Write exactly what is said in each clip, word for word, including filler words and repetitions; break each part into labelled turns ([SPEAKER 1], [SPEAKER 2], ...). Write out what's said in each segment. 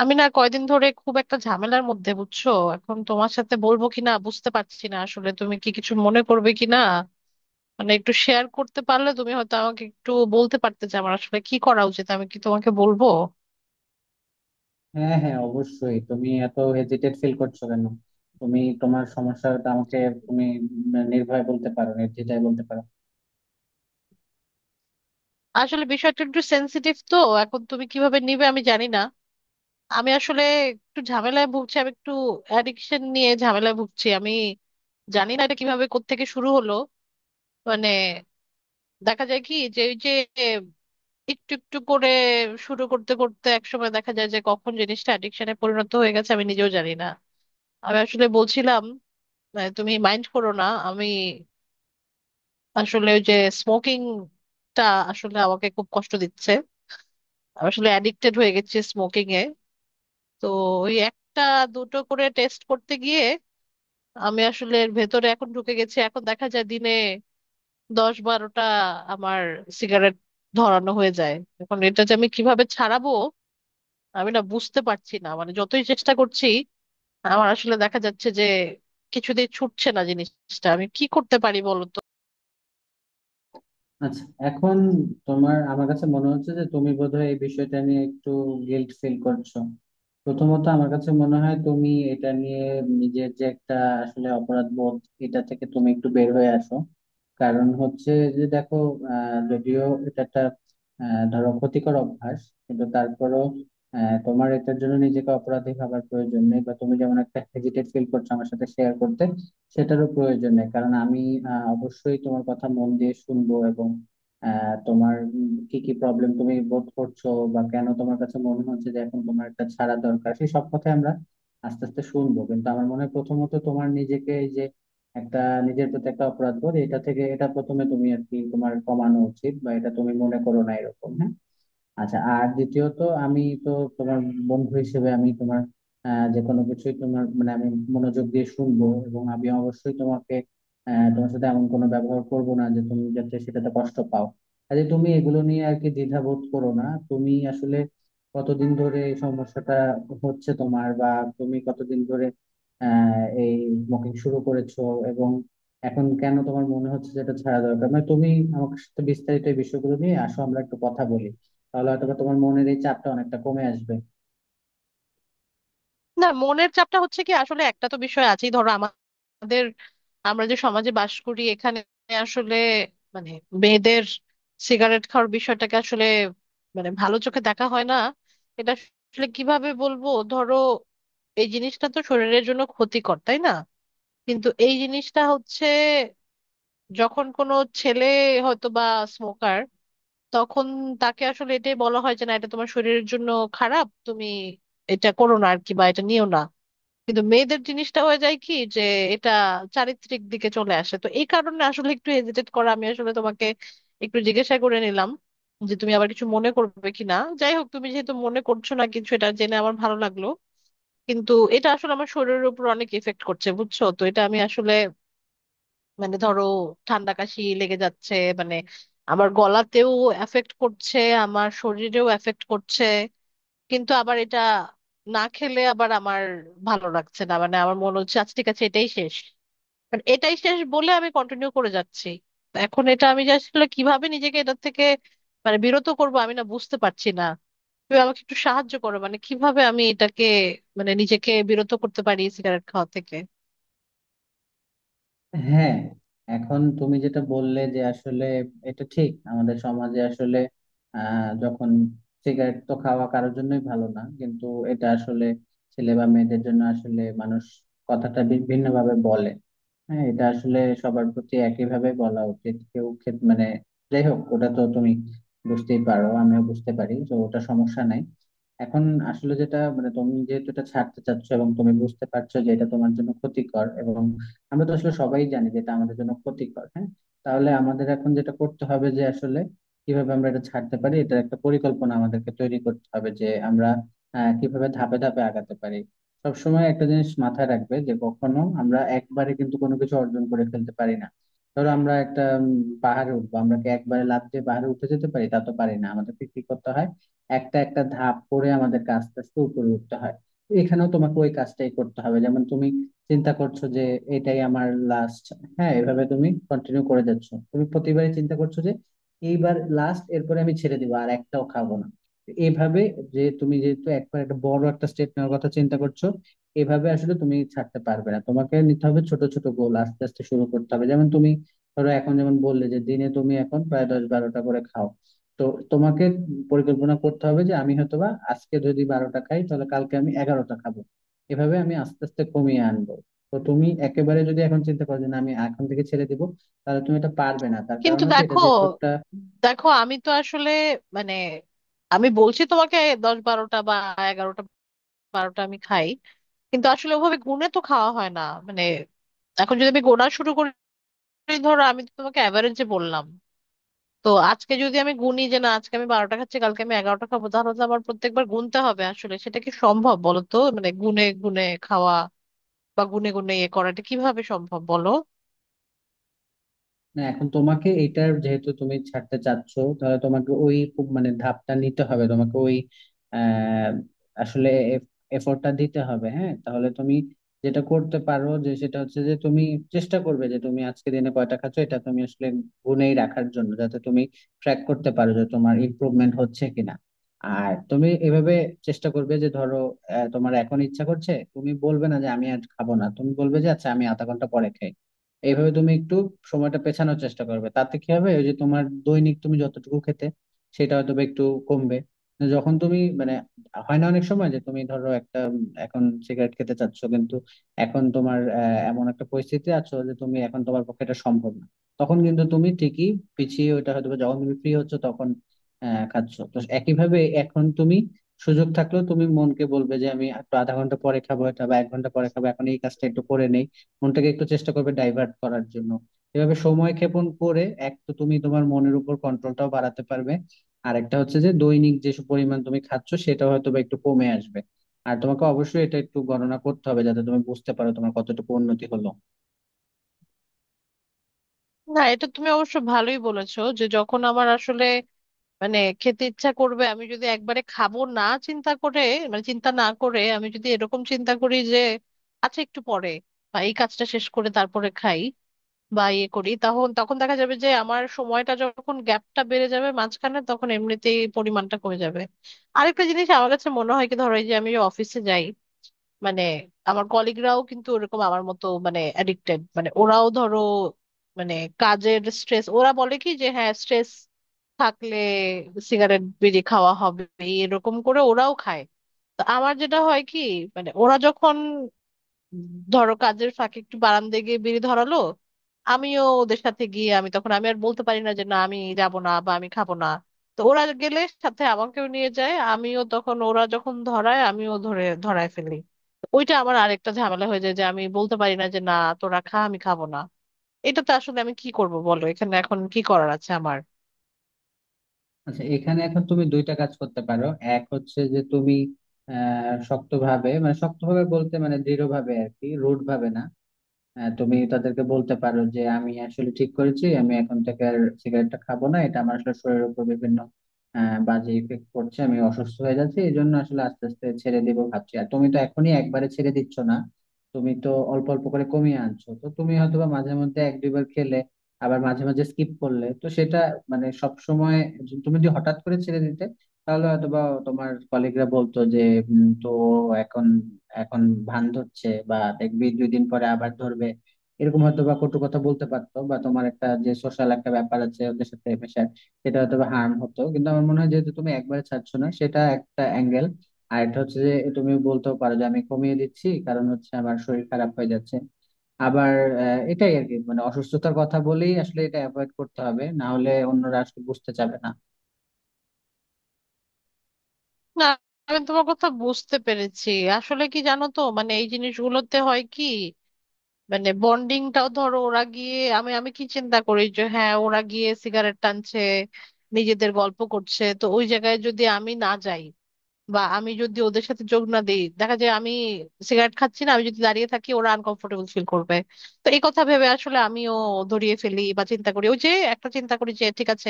[SPEAKER 1] আমি না কয়দিন ধরে খুব একটা ঝামেলার মধ্যে, বুঝছো? এখন তোমার সাথে বলবো কিনা বুঝতে পারছি না, আসলে তুমি কি কিছু মনে করবে কিনা। মানে একটু শেয়ার করতে পারলে তুমি হয়তো আমাকে একটু বলতে পারতে যে আমার আসলে কি করা উচিত। আমি কি তোমাকে বলবো?
[SPEAKER 2] হ্যাঁ, হ্যাঁ, অবশ্যই। তুমি এত হেজিটেট ফিল করছো কেন? তুমি তোমার সমস্যাটা আমাকে, তুমি উম, নির্ভয়ে বলতে পারো, নির্দ্বিধায় বলতে পারো।
[SPEAKER 1] আসলে বিষয়টা একটু সেন্সিটিভ তো, এখন তুমি কিভাবে নিবে আমি জানি না। আমি আসলে একটু ঝামেলায় ভুগছি, আমি একটু অ্যাডিকশন নিয়ে ঝামেলায় ভুগছি। আমি জানি না এটা কিভাবে কোত্থেকে শুরু হলো। মানে দেখা যায় কি যে ওই যে একটু একটু করে শুরু করতে করতে একসময় দেখা যায় যে কখন জিনিসটা অ্যাডিকশনে পরিণত হয়ে গেছে আমি নিজেও জানি না। আমি আসলে বলছিলাম, আহ, তুমি মাইন্ড করো না। আমি আসলে ওই যে স্মোকিংটা আসলে আমাকে খুব কষ্ট দিচ্ছে। আমি আসলে অ্যাডিক্টেড হয়ে গেছি স্মোকিং এ। তো ওই একটা দুটো করে টেস্ট করতে গিয়ে আমি আসলে এর ভেতরে এখন ঢুকে গেছি। এখন দেখা যায় দিনে দশ বারোটা আমার সিগারেট ধরানো হয়ে যায়। এখন এটা যে আমি কিভাবে ছাড়াবো আমি না বুঝতে পারছি না, মানে যতই চেষ্টা করছি আমার আসলে দেখা যাচ্ছে যে কিছুতেই ছুটছে না জিনিসটা। আমি কি করতে পারি বলো তো?
[SPEAKER 2] আচ্ছা, এখন তোমার, আমার কাছে মনে হচ্ছে যে তুমি বোধহয় এই বিষয়টা নিয়ে একটু গিল্ট ফিল করছো। প্রথমত আমার কাছে মনে হয় তুমি এটা নিয়ে নিজের যে একটা আসলে অপরাধ বোধ, এটা থেকে তুমি একটু বের হয়ে আসো। কারণ হচ্ছে যে দেখো, আহ, যদিও এটা একটা আহ, ধরো ক্ষতিকর অভ্যাস, কিন্তু তারপরও আহ, তোমার এটার জন্য নিজেকে অপরাধী ভাবার প্রয়োজন নেই, বা তুমি যেমন একটা হেজিটেট ফিল করছো আমার সাথে শেয়ার করতে, সেটারও প্রয়োজন নেই। কারণ আমি আহ, অবশ্যই তোমার কথা মন দিয়ে শুনবো, এবং আহ, তোমার উম, কি কি প্রবলেম তুমি বোধ করছো, বা কেন তোমার কাছে মনে হচ্ছে যে এখন তোমার একটা ছাড়া দরকার, সেই সব কথাই আমরা আস্তে আস্তে শুনবো। কিন্তু আমার মনে হয় প্রথমত তোমার নিজেকে এই যে একটা, নিজের প্রতি একটা অপরাধ বোধ, এটা থেকে এটা প্রথমে তুমি আর কি তোমার কমানো উচিত, বা এটা তুমি মনে করো না এরকম, হ্যাঁ। আচ্ছা, আর দ্বিতীয়ত, আমি তো তোমার বন্ধু হিসেবে আমি তোমার আহ, যে কোনো কিছুই তোমার, মানে আমি মনোযোগ দিয়ে শুনবো এবং আমি অবশ্যই তোমাকে আহ, তোমার সাথে এমন কোনো ব্যবহার করব না যে তুমি যাতে সেটাতে কষ্ট পাও। কাজে তুমি এগুলো নিয়ে আর কি দ্বিধাবোধ করো না। তুমি আসলে কতদিন ধরে এই সমস্যাটা হচ্ছে তোমার, বা তুমি কতদিন ধরে আহ এই স্মোকিং শুরু করেছো, এবং এখন কেন তোমার মনে হচ্ছে যে এটা ছাড়া দরকার, মানে তুমি আমার সাথে বিস্তারিত এই বিষয়গুলো নিয়ে আসো, আমরা একটু কথা বলি। তাহলে হয়তো বা তোমার মনের এই চাপটা অনেকটা কমে আসবে।
[SPEAKER 1] না, মনের চাপটা হচ্ছে কি, আসলে একটা তো বিষয় আছেই, ধরো আমাদের আমরা যে সমাজে বাস করি এখানে আসলে মানে মেয়েদের সিগারেট খাওয়ার বিষয়টাকে আসলে মানে ভালো চোখে দেখা হয় না। এটা আসলে কিভাবে বলবো, ধরো এই জিনিসটা তো শরীরের জন্য ক্ষতিকর, তাই না? কিন্তু এই জিনিসটা হচ্ছে, যখন কোনো ছেলে হয়তো বা স্মোকার, তখন তাকে আসলে এটাই বলা হয় যে না এটা তোমার শরীরের জন্য খারাপ, তুমি এটা করো না আর কি, বা এটা নিও না। কিন্তু মেয়েদের জিনিসটা হয়ে যায় কি যে এটা চারিত্রিক দিকে চলে আসে, তো এই কারণে আসলে একটু হেজিটেট করা, আমি আসলে তোমাকে একটু জিজ্ঞাসা করে নিলাম যে তুমি আবার কিছু মনে করবে কিনা। যাই হোক, তুমি যেহেতু মনে করছো না কিছু, এটা জেনে আমার ভালো লাগলো। কিন্তু এটা আসলে আমার শরীরের উপর অনেক এফেক্ট করছে বুঝছো তো, এটা আমি আসলে মানে ধরো ঠান্ডা কাশি লেগে যাচ্ছে, মানে আমার গলাতেও এফেক্ট করছে, আমার শরীরেও এফেক্ট করছে। কিন্তু আবার এটা না খেলে আবার আমার ভালো লাগছে না, মানে আমার মনে হচ্ছে আজ ঠিক আছে এটাই শেষ, মানে এটাই শেষ বলে আমি কন্টিনিউ করে যাচ্ছি। এখন এটা আমি যে আসলে কিভাবে নিজেকে এটার থেকে মানে বিরত করব আমি না বুঝতে পারছি না। তুমি আমাকে একটু সাহায্য করো, মানে কিভাবে আমি এটাকে মানে নিজেকে বিরত করতে পারি সিগারেট খাওয়া থেকে।
[SPEAKER 2] হ্যাঁ, এখন তুমি যেটা বললে যে আসলে এটা ঠিক আমাদের সমাজে আসলে আহ যখন সিগারেট তো খাওয়া কারোর জন্যই ভালো না, কিন্তু এটা আসলে ছেলে বা মেয়েদের জন্য আসলে মানুষ কথাটা ভিন্ন ভাবে বলে। হ্যাঁ, এটা আসলে সবার প্রতি একইভাবে বলা উচিত, কেউ ক্ষেত মানে, যাই হোক, ওটা তো তুমি বুঝতেই পারো, আমিও বুঝতে পারি, তো ওটা সমস্যা নাই। এখন আসলে যেটা, মানে তুমি যেহেতু এটা ছাড়তে চাচ্ছ এবং তুমি বুঝতে পারছো যে এটা তোমার জন্য ক্ষতিকর, এবং আমরা তো আসলে সবাই জানি যে এটা আমাদের জন্য ক্ষতিকর, হ্যাঁ। তাহলে আমাদের এখন যেটা করতে হবে যে আসলে কিভাবে আমরা এটা ছাড়তে পারি, এটার একটা পরিকল্পনা আমাদেরকে তৈরি করতে হবে যে আমরা আহ কিভাবে ধাপে ধাপে আগাতে পারি। সবসময় একটা জিনিস মাথায় রাখবে যে কখনো আমরা একবারে কিন্তু কোনো কিছু অর্জন করে ফেলতে পারি না। ধরো আমরা একটা উম, পাহাড়ে উঠবো, আমরা কি একবারে লাফ দিয়ে পাহাড়ে উঠে যেতে পারি? তা তো পারি না। আমাদেরকে কি করতে হয়? একটা একটা ধাপ করে আমাদেরকে আস্তে আস্তে উপরে উঠতে হয়। এখানেও তোমাকে ওই কাজটাই করতে হবে। যেমন তুমি চিন্তা করছো যে এটাই আমার লাস্ট, হ্যাঁ, এভাবে তুমি কন্টিনিউ করে যাচ্ছ, তুমি প্রতিবারই চিন্তা করছো যে এইবার লাস্ট, এরপরে আমি ছেড়ে দিবো, আর একটাও খাবো না। এভাবে, যে তুমি যেহেতু একবার একটা বড় একটা স্টেপ নেওয়ার কথা চিন্তা করছো, এভাবে আসলে তুমি ছাড়তে পারবে না। তোমাকে নিতে হবে ছোট ছোট গোল, আস্তে আস্তে শুরু করতে হবে। যেমন তুমি ধরো এখন যেমন বললে যে দিনে তুমি এখন প্রায় দশ বারোটা করে খাও, তো তোমাকে পরিকল্পনা করতে হবে যে আমি হয়তোবা আজকে যদি বারোটা খাই তাহলে কালকে আমি এগারোটা খাবো। এভাবে আমি আস্তে আস্তে কমিয়ে আনবো। তো তুমি একেবারে যদি এখন চিন্তা করো যে না আমি এখন থেকে ছেড়ে দিব, তাহলে তুমি এটা পারবে না, তার কারণ
[SPEAKER 1] কিন্তু
[SPEAKER 2] হচ্ছে এটা
[SPEAKER 1] দেখো,
[SPEAKER 2] যেহেতু একটা,
[SPEAKER 1] দেখো আমি তো আসলে মানে আমি বলছি তোমাকে দশ বারোটা বা এগারোটা বারোটা আমি খাই, কিন্তু আসলে ওভাবে গুণে তো খাওয়া হয় না। মানে এখন যদি আমি গোনা শুরু করি, ধরো আমি তো তোমাকে অ্যাভারেজে বললাম। তো আজকে যদি আমি গুনি যে না আজকে আমি বারোটা খাচ্ছি কালকে আমি এগারোটা খাবো, তাহলে তো আমার প্রত্যেকবার গুনতে হবে, আসলে সেটা কি সম্ভব বলো তো, মানে গুনে গুনে খাওয়া বা গুনে গুনে ইয়ে করাটা কিভাবে সম্ভব বলো?
[SPEAKER 2] না এখন তোমাকে এটার, যেহেতু তুমি ছাড়তে চাচ্ছ, তাহলে তোমাকে ওই খুব মানে ধাপটা নিতে হবে, তোমাকে ওই আহ, আসলে এফোর্টটা দিতে হবে। হ্যাঁ, তাহলে তুমি যেটা করতে পারো যে সেটা হচ্ছে যে তুমি চেষ্টা করবে যে তুমি আজকে দিনে কয়টা খাচ্ছ, এটা তুমি আসলে গুনেই রাখার জন্য, যাতে তুমি ট্র্যাক করতে পারো যে তোমার ইমপ্রুভমেন্ট হচ্ছে কিনা। আর তুমি এভাবে চেষ্টা করবে যে ধরো আহ, তোমার এখন ইচ্ছা করছে, তুমি বলবে না যে আমি আর খাবো না, তুমি বলবে যে আচ্ছা আমি আধা ঘন্টা পরে খাই। এইভাবে তুমি একটু সময়টা পেছানোর চেষ্টা করবে, তাতে কি হবে, ওই যে তোমার দৈনিক তুমি যতটুকু খেতে সেটা হয়তো বা একটু কমবে। যখন তুমি মানে, হয় না অনেক সময় যে তুমি ধরো একটা উম, এখন সিগারেট খেতে চাচ্ছ, কিন্তু এখন তোমার আহ, এমন একটা পরিস্থিতি আছো যে তুমি এখন তোমার পক্ষে এটা সম্ভব না, তখন কিন্তু তুমি ঠিকই পিছিয়ে ওটা হয়তো বা যখন তুমি ফ্রি হচ্ছ তখন আহ খাচ্ছো। তো একইভাবে এখন তুমি সুযোগ থাকলেও তুমি মনকে বলবে যে আমি একটু আধা ঘন্টা পরে খাবো এটা, বা এক ঘন্টা পরে খাবো, এখন এই কাজটা একটু করে নেই। মনটাকে একটু চেষ্টা করবে ডাইভার্ট করার জন্য। এভাবে সময় ক্ষেপণ করে এক তো তুমি তোমার মনের উপর কন্ট্রোলটাও বাড়াতে পারবে, আর একটা হচ্ছে যে দৈনিক যে পরিমাণ তুমি খাচ্ছ সেটা হয়তো বা একটু কমে আসবে। আর তোমাকে অবশ্যই এটা একটু গণনা করতে হবে, যাতে তুমি বুঝতে পারো তোমার কতটুকু উন্নতি হলো।
[SPEAKER 1] না, এটা তুমি অবশ্য ভালোই বলেছো যে যখন আমার আসলে মানে খেতে ইচ্ছা করবে আমি যদি একবারে খাবো না চিন্তা করে মানে চিন্তা না করে আমি যদি এরকম চিন্তা করি যে আচ্ছা একটু পরে বা এই কাজটা শেষ করে তারপরে খাই বা ইয়ে করি, তখন তখন দেখা যাবে যে আমার সময়টা যখন গ্যাপটা বেড়ে যাবে মাঝখানে, তখন এমনিতেই পরিমাণটা কমে যাবে। আরেকটা জিনিস আমার কাছে মনে হয় কি, ধরো এই যে আমি অফিসে যাই, মানে আমার কলিগরাও কিন্তু ওরকম আমার মতো মানে অ্যাডিক্টেড, মানে ওরাও ধরো মানে কাজের স্ট্রেস, ওরা বলে কি যে হ্যাঁ স্ট্রেস থাকলে সিগারেট বিড়ি খাওয়া হবে, এরকম করে ওরাও খায়। তো আমার যেটা হয় কি, মানে ওরা যখন ধরো কাজের ফাঁকে একটু বারান্দায় গিয়ে বিড়ি ধরালো, আমিও ওদের সাথে গিয়ে আমি তখন আমি আর বলতে পারি না যে না আমি যাব না বা আমি খাবো না। তো ওরা গেলে সাথে আমাকেও নিয়ে যায়, আমিও তখন ওরা যখন ধরায় আমিও ধরে ধরায় ফেলি। ওইটা আমার আরেকটা ঝামেলা হয়ে যায় যে আমি বলতে পারি না যে না তোরা খা আমি খাবো না। এটা তো আসলে আমি কি করব বলো, এখানে এখন কি করার আছে আমার?
[SPEAKER 2] আচ্ছা, এখানে এখন তুমি দুইটা কাজ করতে পারো। এক হচ্ছে যে তুমি আহ শক্তভাবে, মানে শক্তভাবে বলতে মানে দৃঢ়ভাবে আর কি, রুড ভাবে না। হ্যাঁ, তুমি তাদেরকে বলতে পারো যে আমি আসলে ঠিক করেছি আমি এখন থেকে আর সিগারেটটা খাবো না, এটা আমার আসলে শরীরের উপর বিভিন্ন আহ, বাজে ইফেক্ট পড়ছে, আমি অসুস্থ হয়ে যাচ্ছি, এই জন্য আসলে আস্তে আস্তে ছেড়ে দেবো ভাবছি। আর তুমি তো এখনই একবারে ছেড়ে দিচ্ছ না, তুমি তো অল্প অল্প করে কমিয়ে আনছো, তো তুমি হয়তোবা মাঝে মধ্যে এক দুইবার খেলে আবার মাঝে মাঝে স্কিপ করলে, তো সেটা মানে সব সময়, তুমি যদি হঠাৎ করে ছেড়ে দিতে তাহলে অথবা তোমার কলিগরা বলতো যে উম, তো এখন এখন ভান ধরছে, বা দেখবি দুই দিন পরে আবার ধরবে, এরকম হয়তো বা কটু কথা বলতে পারতো, বা তোমার একটা যে সোশ্যাল একটা ব্যাপার আছে ওদের সাথে মেশার, সেটা হয়তো হার্ম হতো। কিন্তু আমার মনে হয় যেহেতু তুমি একবারে ছাড়ছো না, সেটা একটা অ্যাঙ্গেল। আর এটা হচ্ছে যে তুমি বলতেও পারো যে আমি কমিয়ে দিচ্ছি, কারণ হচ্ছে আমার শরীর খারাপ হয়ে যাচ্ছে। আবার আহ, এটাই আর কি, মানে অসুস্থতার কথা বলেই আসলে এটা অ্যাভয়েড করতে হবে, না হলে অন্যরা আসলে বুঝতে চাবে না।
[SPEAKER 1] না, আমি তোমার কথা বুঝতে পেরেছি। আসলে কি জানো তো, মানে এই জিনিসগুলোতে হয় কি, মানে বন্ডিংটাও ধরো, ওরা গিয়ে, আমি আমি কি চিন্তা করি যে হ্যাঁ ওরা গিয়ে সিগারেট টানছে, নিজেদের গল্প করছে, তো ওই জায়গায় যদি আমি না যাই বা আমি যদি ওদের সাথে যোগ না দিই, দেখা যায় আমি সিগারেট খাচ্ছি না আমি যদি দাঁড়িয়ে থাকি, ওরা আনকমফোর্টেবল ফিল করবে। তো এই কথা ভেবে আসলে আমিও ধরিয়ে ফেলি বা চিন্তা করি, ওই যে একটা চিন্তা করি যে ঠিক আছে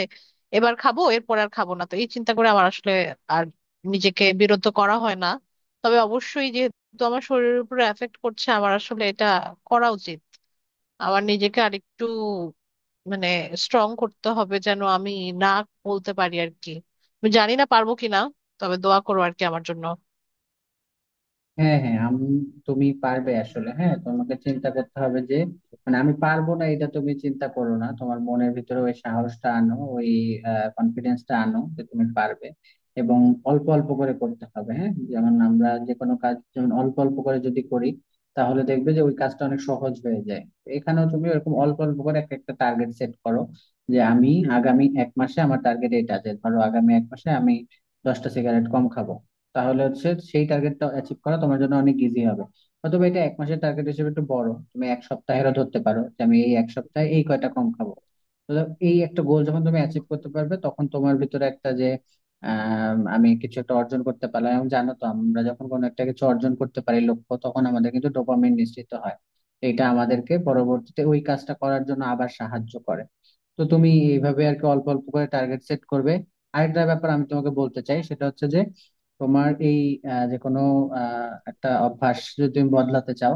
[SPEAKER 1] এবার খাবো এরপর আর খাবো না, তো এই চিন্তা করে আমার আসলে আর নিজেকে বিরত করা হয় না। তবে অবশ্যই যেহেতু আমার শরীরের উপরে এফেক্ট করছে, আমার আসলে এটা করা উচিত, আমার নিজেকে আরেকটু মানে স্ট্রং করতে হবে যেন আমি না বলতে পারি আর কি। আমি জানি না পারবো কিনা, তবে দোয়া করো আর কি আমার জন্য।
[SPEAKER 2] হ্যাঁ, হ্যাঁ, আমি, তুমি পারবে আসলে। হ্যাঁ, তোমাকে চিন্তা করতে হবে যে মানে আমি পারবো না এটা তুমি চিন্তা করো না, তোমার মনের ভিতরে ওই সাহসটা আনো, ওই কনফিডেন্সটা আনো যে তুমি পারবে। এবং অল্প অল্প করে করতে হবে, হ্যাঁ, যেমন আমরা যে কোনো কাজ যেমন অল্প অল্প করে যদি করি তাহলে দেখবে যে ওই কাজটা অনেক সহজ হয়ে যায়। এখানেও তুমি এরকম অল্প অল্প করে একটা একটা টার্গেট সেট করো, যে আমি আগামী এক মাসে আমার টার্গেট এটা, যে ধরো আগামী এক মাসে আমি দশটা সিগারেট কম খাবো, তাহলে হচ্ছে সেই টার্গেটটা অ্যাচিভ করা তোমার জন্য অনেক ইজি হবে। অথবা এটা এক মাসের টার্গেট হিসেবে একটু বড়, তুমি এক সপ্তাহেরও ধরতে পারো যে আমি এই এক সপ্তাহে এই কয়টা কম খাবো। তো এই একটা গোল যখন তুমি অ্যাচিভ করতে পারবে, তখন তোমার ভিতরে একটা যে আম, আমি কিছু একটা অর্জন করতে পারলাম, এবং জানো তো আমরা যখন কোনো একটা কিছু অর্জন করতে পারি লক্ষ্য, তখন আমাদের কিন্তু ডোপামিন নিঃসৃত হয়। তো এটা আমাদেরকে পরবর্তীতে ওই কাজটা করার জন্য আবার সাহায্য করে। তো তুমি এইভাবে আর কি অল্প অল্প করে টার্গেট সেট করবে। আরেকটা ব্যাপার আমি তোমাকে বলতে চাই, সেটা হচ্ছে যে তোমার এই আহ, যে কোনো আহ, একটা অভ্যাস যদি তুমি বদলাতে চাও,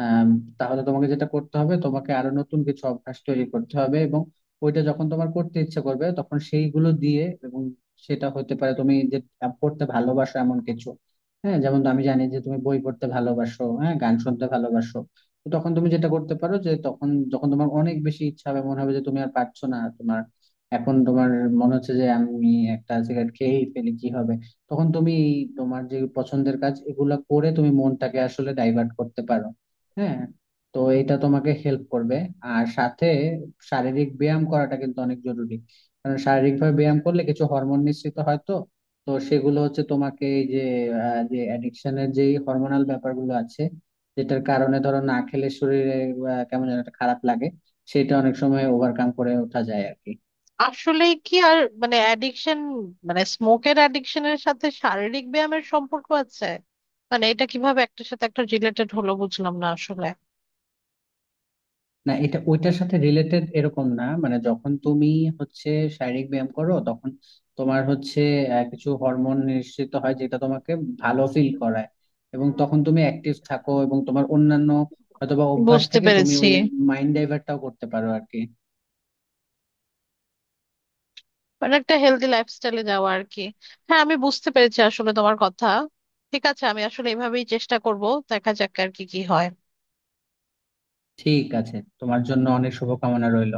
[SPEAKER 2] আম, তাহলে তোমাকে যেটা করতে হবে তোমাকে আরো নতুন কিছু অভ্যাস তৈরি করতে হবে, এবং ওইটা যখন তোমার করতে ইচ্ছে করবে তখন সেইগুলো দিয়ে, এবং সেটা হতে পারে তুমি যে পড়তে ভালোবাসো এমন কিছু। হ্যাঁ, যেমন আমি জানি যে তুমি বই পড়তে ভালোবাসো, হ্যাঁ, গান শুনতে ভালোবাসো। তো তখন তুমি যেটা করতে পারো যে তখন যখন তোমার অনেক বেশি ইচ্ছা হবে, মনে হবে যে তুমি আর পারছো না, তোমার এখন তোমার মনে হচ্ছে যে আমি একটা সিগারেট খেয়েই ফেলি কি হবে, তখন তুমি এই তোমার যে পছন্দের কাজ এগুলা করে তুমি মনটাকে আসলে ডাইভার্ট করতে পারো। হ্যাঁ, তো এটা তোমাকে হেল্প করবে। আর সাথে শারীরিক ব্যায়াম করাটা কিন্তু অনেক জরুরি, কারণ শারীরিক ভাবে ব্যায়াম করলে কিছু হরমোন নিঃসৃত হয়। তো তো সেগুলো হচ্ছে তোমাকে এই যে আহ, যে অ্যাডিকশনের যে হরমোনাল ব্যাপারগুলো আছে, যেটার কারণে ধরো না খেলে শরীরে আহ, কেমন যেন একটা খারাপ লাগে, সেটা অনেক সময় ওভারকাম করে ওঠা যায় আর কি।
[SPEAKER 1] আসলে কি আর মানে অ্যাডিকশন মানে স্মোকের অ্যাডিকশনের সাথে শারীরিক ব্যায়ামের সম্পর্ক আছে? মানে এটা কিভাবে একটার সাথে একটা রিলেটেড হলো বুঝলাম না আসলে।
[SPEAKER 2] না, এটা ওইটার সাথে রিলেটেড এরকম না, মানে যখন তুমি হচ্ছে শারীরিক ব্যায়াম করো তখন তোমার হচ্ছে আহ, কিছু হরমোন নিঃসৃত হয় যেটা তোমাকে ভালো ফিল করায়, এবং তখন তুমি অ্যাক্টিভ থাকো এবং তোমার অন্যান্য অথবা অভ্যাস
[SPEAKER 1] বুঝতে
[SPEAKER 2] থেকে তুমি
[SPEAKER 1] পেরেছি,
[SPEAKER 2] ওই মাইন্ড ডাইভার্টটাও করতে পারো আর কি।
[SPEAKER 1] মানে একটা হেলদি লাইফস্টাইলে যাওয়া আর কি। হ্যাঁ, আমি বুঝতে পেরেছি আসলে তোমার কথা। ঠিক আছে, আমি আসলে এভাবেই চেষ্টা করব, দেখা যাক আর কি কি হয়।
[SPEAKER 2] ঠিক আছে, তোমার জন্য অনেক শুভকামনা রইল।